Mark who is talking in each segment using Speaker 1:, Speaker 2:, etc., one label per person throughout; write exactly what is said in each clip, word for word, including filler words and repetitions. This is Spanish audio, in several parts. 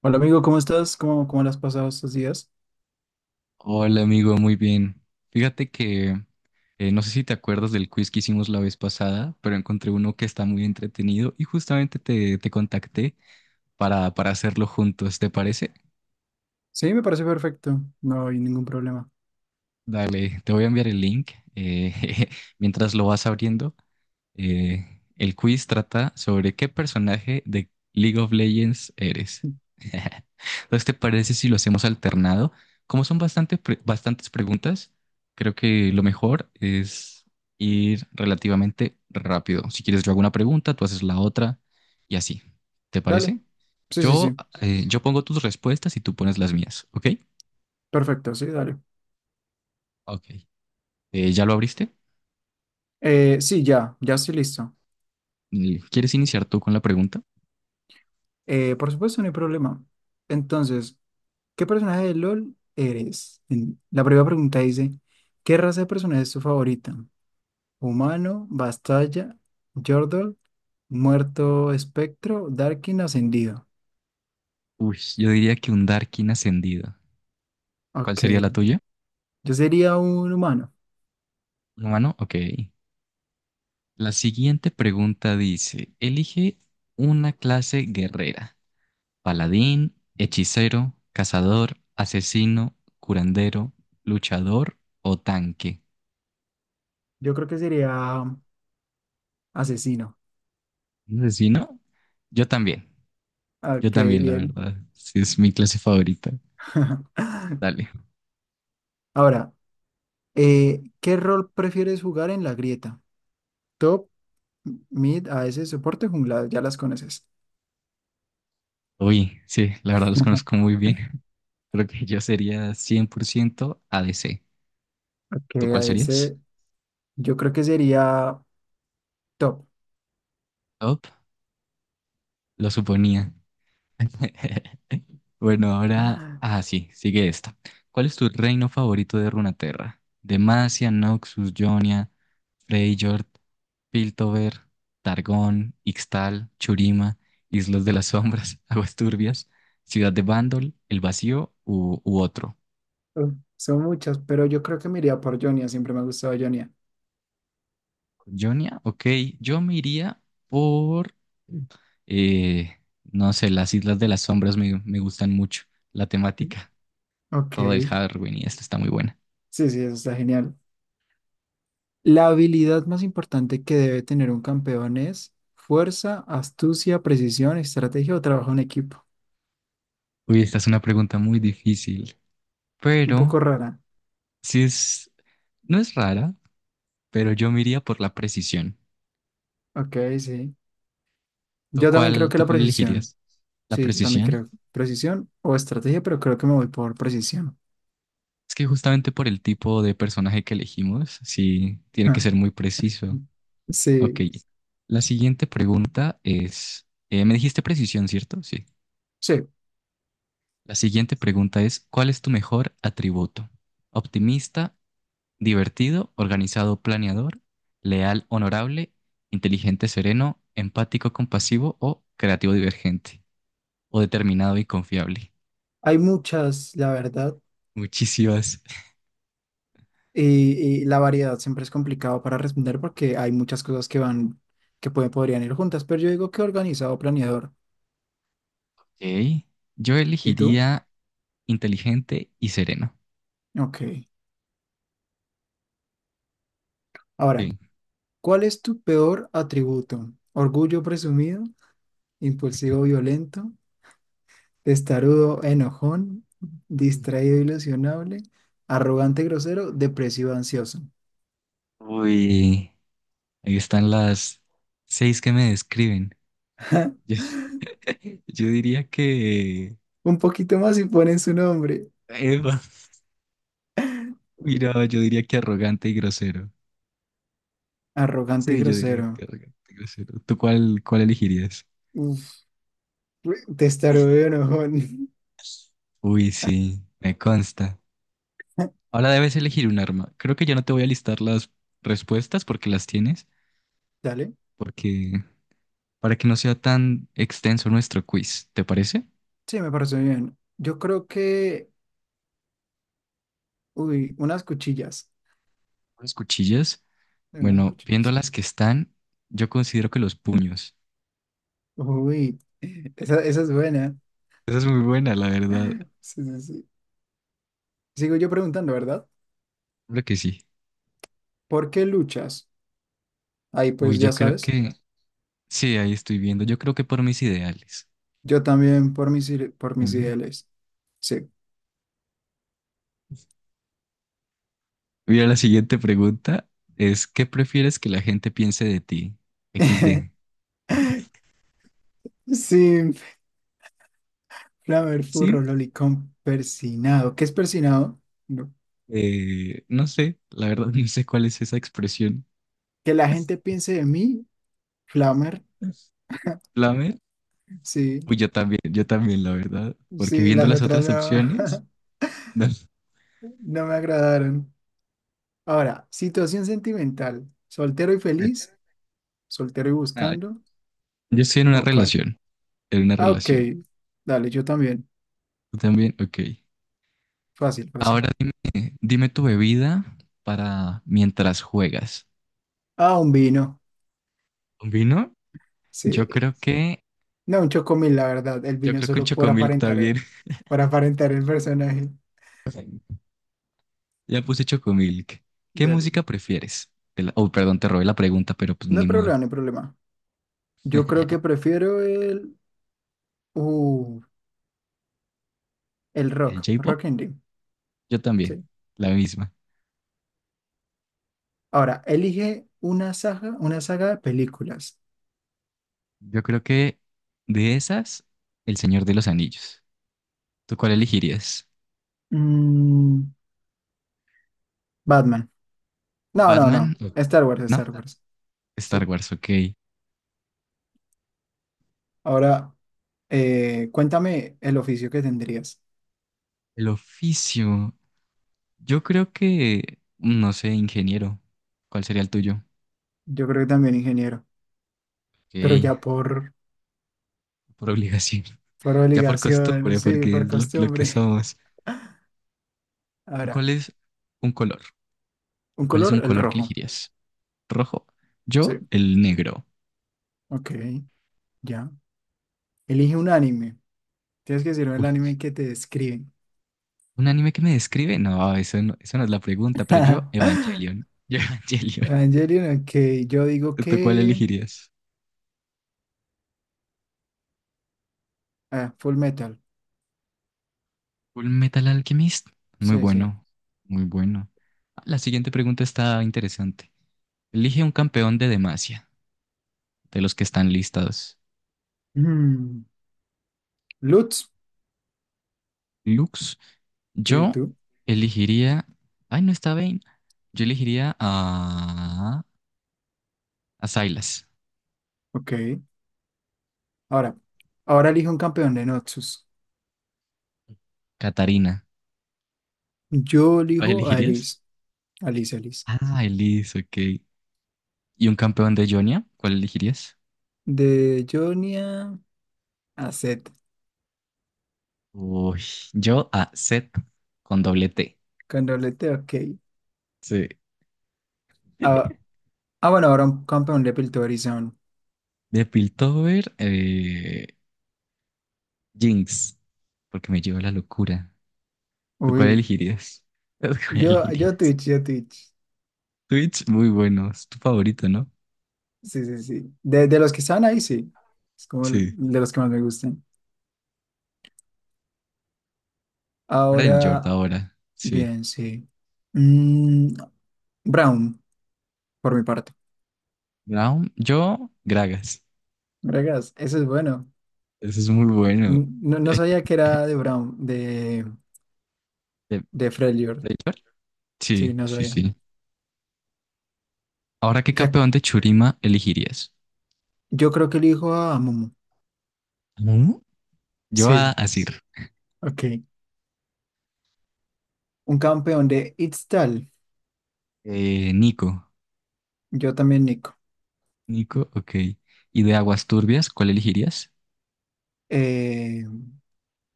Speaker 1: Hola amigo, ¿cómo estás? ¿Cómo, cómo las has pasado estos días?
Speaker 2: Hola amigo, muy bien. Fíjate que eh, no sé si te acuerdas del quiz que hicimos la vez pasada, pero encontré uno que está muy entretenido y justamente te, te contacté para, para hacerlo juntos, ¿te parece?
Speaker 1: Sí, me parece perfecto, no hay ningún problema.
Speaker 2: Dale, te voy a enviar el link. eh, mientras lo vas abriendo, eh, el quiz trata sobre qué personaje de League of Legends eres. Entonces, ¿te parece si lo hacemos alternado? Como son bastante pre- bastantes preguntas, creo que lo mejor es ir relativamente rápido. Si quieres, yo hago una pregunta, tú haces la otra y así. ¿Te
Speaker 1: Dale,
Speaker 2: parece?
Speaker 1: sí, sí,
Speaker 2: Yo,
Speaker 1: sí,
Speaker 2: eh, yo pongo tus respuestas y tú pones las mías, ¿ok?
Speaker 1: perfecto, sí, dale.
Speaker 2: Ok. Eh, ¿ya lo abriste?
Speaker 1: Eh, sí, ya, ya estoy listo.
Speaker 2: Y ¿quieres iniciar tú con la pregunta?
Speaker 1: Eh, por supuesto, no hay problema. Entonces, ¿qué personaje de LOL eres? En- La primera pregunta dice, ¿qué raza de personaje es tu favorita? ¿Humano, Bastalla, Yordle, muerto, espectro, Darkin, ascendido?
Speaker 2: Uy, yo diría que un Darkin ascendido. ¿Cuál
Speaker 1: Ok,
Speaker 2: sería la tuya?
Speaker 1: yo sería un humano,
Speaker 2: ¿Un humano? Ok. La siguiente pregunta dice, elige una clase guerrera. Paladín, hechicero, cazador, asesino, curandero, luchador o tanque.
Speaker 1: yo creo que sería asesino.
Speaker 2: ¿Un ¿Asesino? Yo también. Yo
Speaker 1: Ok,
Speaker 2: también, la
Speaker 1: bien.
Speaker 2: verdad. Sí, es mi clase favorita. Dale.
Speaker 1: Ahora, eh, ¿qué rol prefieres jugar en la grieta? Top, mid, a AS, soporte, jungla, ya las conoces.
Speaker 2: Uy, sí, la verdad los conozco muy bien. Creo que yo sería cien por ciento A D C.
Speaker 1: Ok,
Speaker 2: ¿Tú cuál serías?
Speaker 1: A S, yo creo que sería top.
Speaker 2: Top, lo suponía. Bueno, ahora.
Speaker 1: Ah,
Speaker 2: Ah, sí, sigue esta. ¿Cuál es tu reino favorito de Runaterra? Demacia, Noxus, Jonia, Freyjord, Piltover, Targón, Ixtal, Churima, Islas de las Sombras, Aguas Turbias, Ciudad de Bandol, El Vacío u, u otro.
Speaker 1: uf, son muchas, pero yo creo que me iría por Jonia, siempre me ha gustado Jonia.
Speaker 2: Jonia, ok, yo me iría por. Eh, no sé, las Islas de las Sombras me, me gustan mucho, la
Speaker 1: ¿Sí?
Speaker 2: temática.
Speaker 1: Ok,
Speaker 2: Todo el Halloween y esta está muy buena.
Speaker 1: sí, sí, eso está genial. La habilidad más importante que debe tener un campeón es fuerza, astucia, precisión, estrategia o trabajo en equipo.
Speaker 2: Uy, esta es una pregunta muy difícil,
Speaker 1: Un
Speaker 2: pero
Speaker 1: poco rara.
Speaker 2: si es, no es rara, pero yo me iría por la precisión.
Speaker 1: Ok, sí.
Speaker 2: ¿Tú
Speaker 1: Yo también creo
Speaker 2: cuál,
Speaker 1: que
Speaker 2: ¿tú
Speaker 1: la
Speaker 2: cuál
Speaker 1: precisión.
Speaker 2: elegirías? La
Speaker 1: Sí, yo también
Speaker 2: precisión.
Speaker 1: creo. Precisión o estrategia, pero creo que me voy por precisión.
Speaker 2: Es que justamente por el tipo de personaje que elegimos, sí, tiene que
Speaker 1: Ja.
Speaker 2: ser muy preciso. Ok,
Speaker 1: Sí,
Speaker 2: la siguiente pregunta es, eh, me dijiste precisión, ¿cierto? Sí.
Speaker 1: sí.
Speaker 2: La siguiente pregunta es, ¿cuál es tu mejor atributo? ¿Optimista, divertido, organizado, planeador, leal, honorable, inteligente, sereno, empático, compasivo o creativo, divergente? O determinado y confiable.
Speaker 1: Hay muchas, la verdad.
Speaker 2: Muchísimas.
Speaker 1: Y, y la variedad siempre es complicado para responder porque hay muchas cosas que van, que pueden, podrían ir juntas, pero yo digo que organizado, planeador.
Speaker 2: Ok. Yo
Speaker 1: ¿Y tú?
Speaker 2: elegiría inteligente y sereno.
Speaker 1: Ok. Ahora,
Speaker 2: Sí.
Speaker 1: ¿cuál es tu peor atributo? ¿Orgullo presumido? ¿Impulsivo violento? Testarudo, enojón,
Speaker 2: Uy,
Speaker 1: distraído, ilusionable, arrogante, grosero, depresivo, ansioso.
Speaker 2: uy, ahí están las seis que me describen. Yo, yo diría que...
Speaker 1: Un poquito más y ponen su nombre.
Speaker 2: Eva. Mira, yo diría que arrogante y grosero.
Speaker 1: Arrogante y
Speaker 2: Sí, yo diría que
Speaker 1: grosero.
Speaker 2: arrogante y grosero. ¿Tú cuál, ¿cuál elegirías?
Speaker 1: Uf, testarudo y enojón.
Speaker 2: Uy, sí, me consta. Ahora debes elegir un arma. Creo que ya no te voy a listar las respuestas porque las tienes,
Speaker 1: Dale.
Speaker 2: porque para que no sea tan extenso nuestro quiz, ¿te parece?
Speaker 1: Sí, me parece bien. Yo creo que… Uy, unas cuchillas.
Speaker 2: Las cuchillas.
Speaker 1: Unas
Speaker 2: Bueno, viendo
Speaker 1: cuchillas.
Speaker 2: las que están, yo considero que los puños.
Speaker 1: Uy, esa, esa es buena.
Speaker 2: Esa es muy buena, la verdad.
Speaker 1: Sí, sí, sí. Sigo yo preguntando, ¿verdad?
Speaker 2: Creo que sí.
Speaker 1: ¿Por qué luchas? Ahí
Speaker 2: Uy,
Speaker 1: pues ya
Speaker 2: yo creo
Speaker 1: sabes.
Speaker 2: que sí, ahí estoy viendo. Yo creo que por mis ideales
Speaker 1: Yo también por mis, ide- por mis
Speaker 2: también.
Speaker 1: ideales. Sí.
Speaker 2: Mira, la siguiente pregunta es, ¿qué prefieres que la gente piense de ti? equis de.
Speaker 1: Sí, flamer, furro, lolicón, persinado. ¿Qué es persinado? No.
Speaker 2: Eh, no sé, la verdad no sé cuál es esa expresión.
Speaker 1: Que la gente piense de mí, flamer.
Speaker 2: ¿Flamer?
Speaker 1: Sí,
Speaker 2: Pues yo también, yo también, la verdad. Porque
Speaker 1: sí,
Speaker 2: viendo
Speaker 1: las
Speaker 2: las
Speaker 1: otras
Speaker 2: otras opciones,
Speaker 1: no,
Speaker 2: no.
Speaker 1: no me agradaron. Ahora, situación sentimental. ¿Soltero y feliz? ¿Soltero y
Speaker 2: Ah,
Speaker 1: buscando?
Speaker 2: yo estoy en una
Speaker 1: ¿O cuál?
Speaker 2: relación, en una
Speaker 1: Ah, ok.
Speaker 2: relación.
Speaker 1: Dale, yo también.
Speaker 2: ¿Tú también? Ok.
Speaker 1: Fácil, fácil.
Speaker 2: Ahora dime, dime tu bebida para mientras juegas.
Speaker 1: Ah, un vino.
Speaker 2: ¿Un vino? Yo
Speaker 1: Sí.
Speaker 2: creo que,
Speaker 1: No, un chocomil, la verdad. El
Speaker 2: yo
Speaker 1: vino es
Speaker 2: creo que un
Speaker 1: solo por
Speaker 2: chocomilk también.
Speaker 1: aparentar, por aparentar el personaje.
Speaker 2: Ya puse chocomilk. ¿Qué
Speaker 1: Dale.
Speaker 2: música prefieres? Te la- Oh, perdón, te robé la pregunta, pero pues
Speaker 1: No
Speaker 2: ni
Speaker 1: hay
Speaker 2: modo.
Speaker 1: problema, no hay problema. Yo creo que prefiero el, uh, el
Speaker 2: ¿El
Speaker 1: rock,
Speaker 2: J-pop?
Speaker 1: rock indie.
Speaker 2: Yo también,
Speaker 1: Sí.
Speaker 2: la misma.
Speaker 1: Ahora, elige una saga, una saga de películas.
Speaker 2: Yo creo que de esas, El Señor de los Anillos. ¿Tú cuál elegirías?
Speaker 1: Mm, Batman. No, no,
Speaker 2: ¿Batman?
Speaker 1: no.
Speaker 2: o-
Speaker 1: Star Wars,
Speaker 2: No,
Speaker 1: Star Wars.
Speaker 2: Star
Speaker 1: Sí.
Speaker 2: Wars, ok.
Speaker 1: Ahora, eh, cuéntame el oficio que tendrías.
Speaker 2: El oficio. Yo creo que, no sé, ingeniero. ¿Cuál sería el tuyo?
Speaker 1: Yo creo que también ingeniero, pero
Speaker 2: Ok,
Speaker 1: ya por,
Speaker 2: por obligación.
Speaker 1: por
Speaker 2: Ya por
Speaker 1: obligación,
Speaker 2: costumbre,
Speaker 1: sí,
Speaker 2: porque
Speaker 1: por
Speaker 2: es lo, lo que
Speaker 1: costumbre.
Speaker 2: somos.
Speaker 1: Ahora,
Speaker 2: ¿Cuál es un color?
Speaker 1: un
Speaker 2: ¿Cuál es un
Speaker 1: color, el
Speaker 2: color que
Speaker 1: rojo.
Speaker 2: elegirías? ¿Rojo?
Speaker 1: Sí.
Speaker 2: Yo, el negro.
Speaker 1: Ok, ya. Elige un anime. Tienes que decirme el
Speaker 2: Uy,
Speaker 1: anime que te describe.
Speaker 2: ¿un anime que me describe? No, eso no, eso no es la pregunta, pero yo, Evangelion. Yo, Evangelion.
Speaker 1: Evangelion, ok. Yo digo
Speaker 2: ¿Tú cuál
Speaker 1: que.
Speaker 2: elegirías?
Speaker 1: Ah, Full Metal.
Speaker 2: Full Metal Alchemist. Muy
Speaker 1: Sí, sí.
Speaker 2: bueno, muy bueno. La siguiente pregunta está interesante. Elige un campeón de Demacia, de los que están listados.
Speaker 1: Mm, Lutz.
Speaker 2: Lux,
Speaker 1: Sí,
Speaker 2: yo
Speaker 1: tú.
Speaker 2: elegiría. Ay, no está Vayne. Yo elegiría a. A Sylas,
Speaker 1: Ok. Ahora, ahora elijo un campeón de Noxus.
Speaker 2: Katarina.
Speaker 1: Yo
Speaker 2: ¿Tú cuál
Speaker 1: elijo a
Speaker 2: elegirías?
Speaker 1: Alice. Alice, Alice.
Speaker 2: Ah, Elise, ok. ¿Y un campeón de Jonia? ¿Cuál elegirías?
Speaker 1: De Jonia a Zed.
Speaker 2: Uy, yo a Seth con doble T.
Speaker 1: Con doblete, ok.
Speaker 2: Sí.
Speaker 1: Ah, ah, bueno, ahora un campeón de Piltorizon.
Speaker 2: De Piltover, eh, Jinx, porque me lleva la locura. ¿Tú cuál
Speaker 1: Uy.
Speaker 2: elegirías? ¿Tú cuál
Speaker 1: Yo, yo
Speaker 2: elegirías?
Speaker 1: Twitch, yo Twitch.
Speaker 2: Twitch, muy bueno, es tu favorito, ¿no?
Speaker 1: Sí, sí, sí. De, de los que están ahí, sí. Es como el-
Speaker 2: Sí.
Speaker 1: de los que más me gustan.
Speaker 2: Para el Jord
Speaker 1: Ahora.
Speaker 2: ahora, sí.
Speaker 1: Bien, sí. Mm, Brown, por mi parte.
Speaker 2: Brown, yo, Gragas.
Speaker 1: Vergas, eso es bueno.
Speaker 2: Eso es muy bueno.
Speaker 1: Mm, no, no sabía que era de Brown, de,
Speaker 2: ¿De,
Speaker 1: de Freljord.
Speaker 2: ¿de Jord?
Speaker 1: Sí,
Speaker 2: Sí,
Speaker 1: no
Speaker 2: sí,
Speaker 1: sabía.
Speaker 2: sí. Ahora, ¿qué
Speaker 1: Ya,
Speaker 2: campeón de Churima elegirías?
Speaker 1: yo creo que elijo a Momo.
Speaker 2: ¿Mm? Yo a
Speaker 1: Sí,
Speaker 2: Azir.
Speaker 1: ok. Un campeón de Itztal.
Speaker 2: Eh, Nico.
Speaker 1: Yo también, Nico.
Speaker 2: Nico, ok. ¿Y de aguas turbias, cuál elegirías?
Speaker 1: Eh,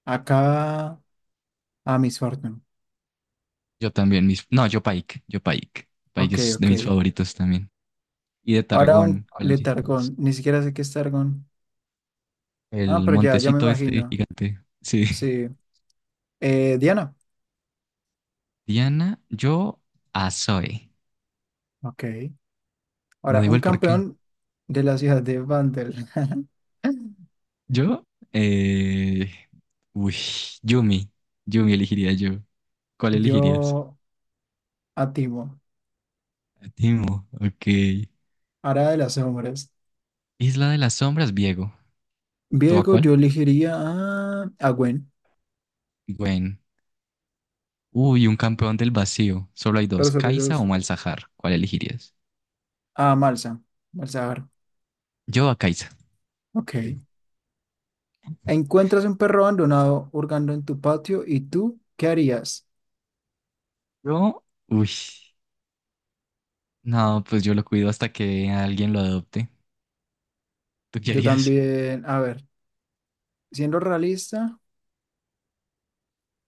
Speaker 1: Acá a Miss Fortune.
Speaker 2: Yo también, mis... No, yo Pike, yo Pike. Pike
Speaker 1: Ok,
Speaker 2: es de
Speaker 1: ok.
Speaker 2: mis favoritos también. Y de
Speaker 1: Ahora un
Speaker 2: Targón, ¿cuál
Speaker 1: de
Speaker 2: elegirías?
Speaker 1: Targón. Ni siquiera sé qué es Targón. Ah,
Speaker 2: El
Speaker 1: pero ya, ya me
Speaker 2: montecito este
Speaker 1: imagino.
Speaker 2: gigante. Sí.
Speaker 1: Sí. Eh, Diana.
Speaker 2: Diana, yo a Zoe.
Speaker 1: Ok.
Speaker 2: No
Speaker 1: Ahora,
Speaker 2: digo
Speaker 1: un
Speaker 2: el por qué.
Speaker 1: campeón de la ciudad de Vandal.
Speaker 2: Yo, eh... Uy, Yumi. Yumi elegiría yo. ¿Cuál elegirías?
Speaker 1: Yo a Timo.
Speaker 2: A Timo, ok.
Speaker 1: Ahora de las sombras.
Speaker 2: Isla de las Sombras, Diego. ¿Tú a
Speaker 1: Viego,
Speaker 2: cuál?
Speaker 1: yo elegiría a, a Gwen.
Speaker 2: Gwen. Uy, un campeón del vacío. Solo hay
Speaker 1: Pero
Speaker 2: dos,
Speaker 1: sobre
Speaker 2: Kaisa o
Speaker 1: dos.
Speaker 2: Malzahar. ¿Cuál elegirías?
Speaker 1: A Malsa. Malzahar.
Speaker 2: Yo a Kaisa.
Speaker 1: Ok.
Speaker 2: Sí.
Speaker 1: Encuentras un perro abandonado hurgando en tu patio y tú, ¿qué harías?
Speaker 2: Yo, uy. No, pues yo lo cuido hasta que alguien lo adopte. ¿Tú qué
Speaker 1: Yo
Speaker 2: harías?
Speaker 1: también, a ver, siendo realista,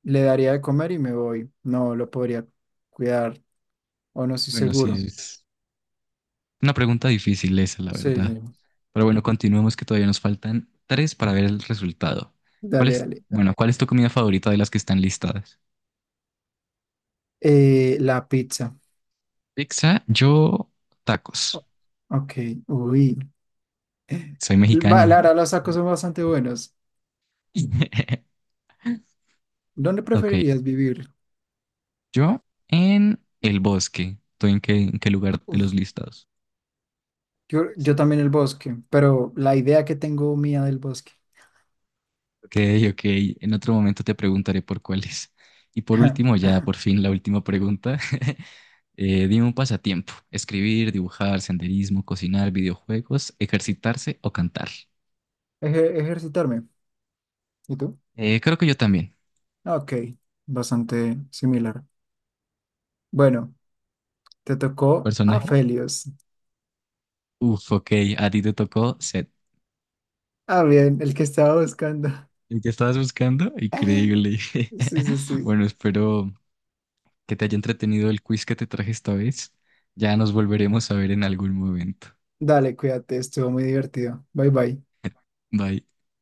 Speaker 1: le daría de comer y me voy. No lo podría cuidar o no estoy
Speaker 2: Bueno, sí,
Speaker 1: seguro.
Speaker 2: es una pregunta difícil esa, la
Speaker 1: Sí,
Speaker 2: verdad.
Speaker 1: sí.
Speaker 2: Pero bueno, continuemos que todavía nos faltan tres para ver el resultado. ¿Cuál
Speaker 1: Dale,
Speaker 2: es,
Speaker 1: dale.
Speaker 2: bueno, ¿cuál es tu comida favorita de las que están listadas?
Speaker 1: Eh, la pizza.
Speaker 2: Pizza, yo, tacos.
Speaker 1: O- Ok, uy. Eh,
Speaker 2: Soy
Speaker 1: va, la
Speaker 2: mexicano.
Speaker 1: verdad, los tacos son bastante buenos. ¿Dónde
Speaker 2: Ok,
Speaker 1: preferirías vivir?
Speaker 2: yo en el bosque. ¿Tú en qué, ¿en qué lugar de
Speaker 1: Uf,
Speaker 2: los listados?
Speaker 1: yo, yo también el bosque, pero la idea que tengo mía del bosque.
Speaker 2: Ok, ok. En otro momento te preguntaré por cuáles. Y por último, ya por fin la última pregunta. Eh, dime un pasatiempo. Escribir, dibujar, senderismo, cocinar, videojuegos, ejercitarse o cantar.
Speaker 1: Eje- ejercitarme. ¿Y tú?
Speaker 2: Eh, creo que yo también.
Speaker 1: Ok, bastante similar. Bueno, te tocó a
Speaker 2: Personaje. Oh.
Speaker 1: Felios.
Speaker 2: Uf, ok. A ti te tocó Seth.
Speaker 1: Ah, bien, el que estaba buscando.
Speaker 2: ¿El que estabas buscando? Increíble.
Speaker 1: Sí, sí, sí.
Speaker 2: Bueno, espero que te haya entretenido el quiz que te traje esta vez. Ya nos volveremos a ver en algún momento.
Speaker 1: Dale, cuídate, estuvo muy divertido. Bye, bye.
Speaker 2: Bye.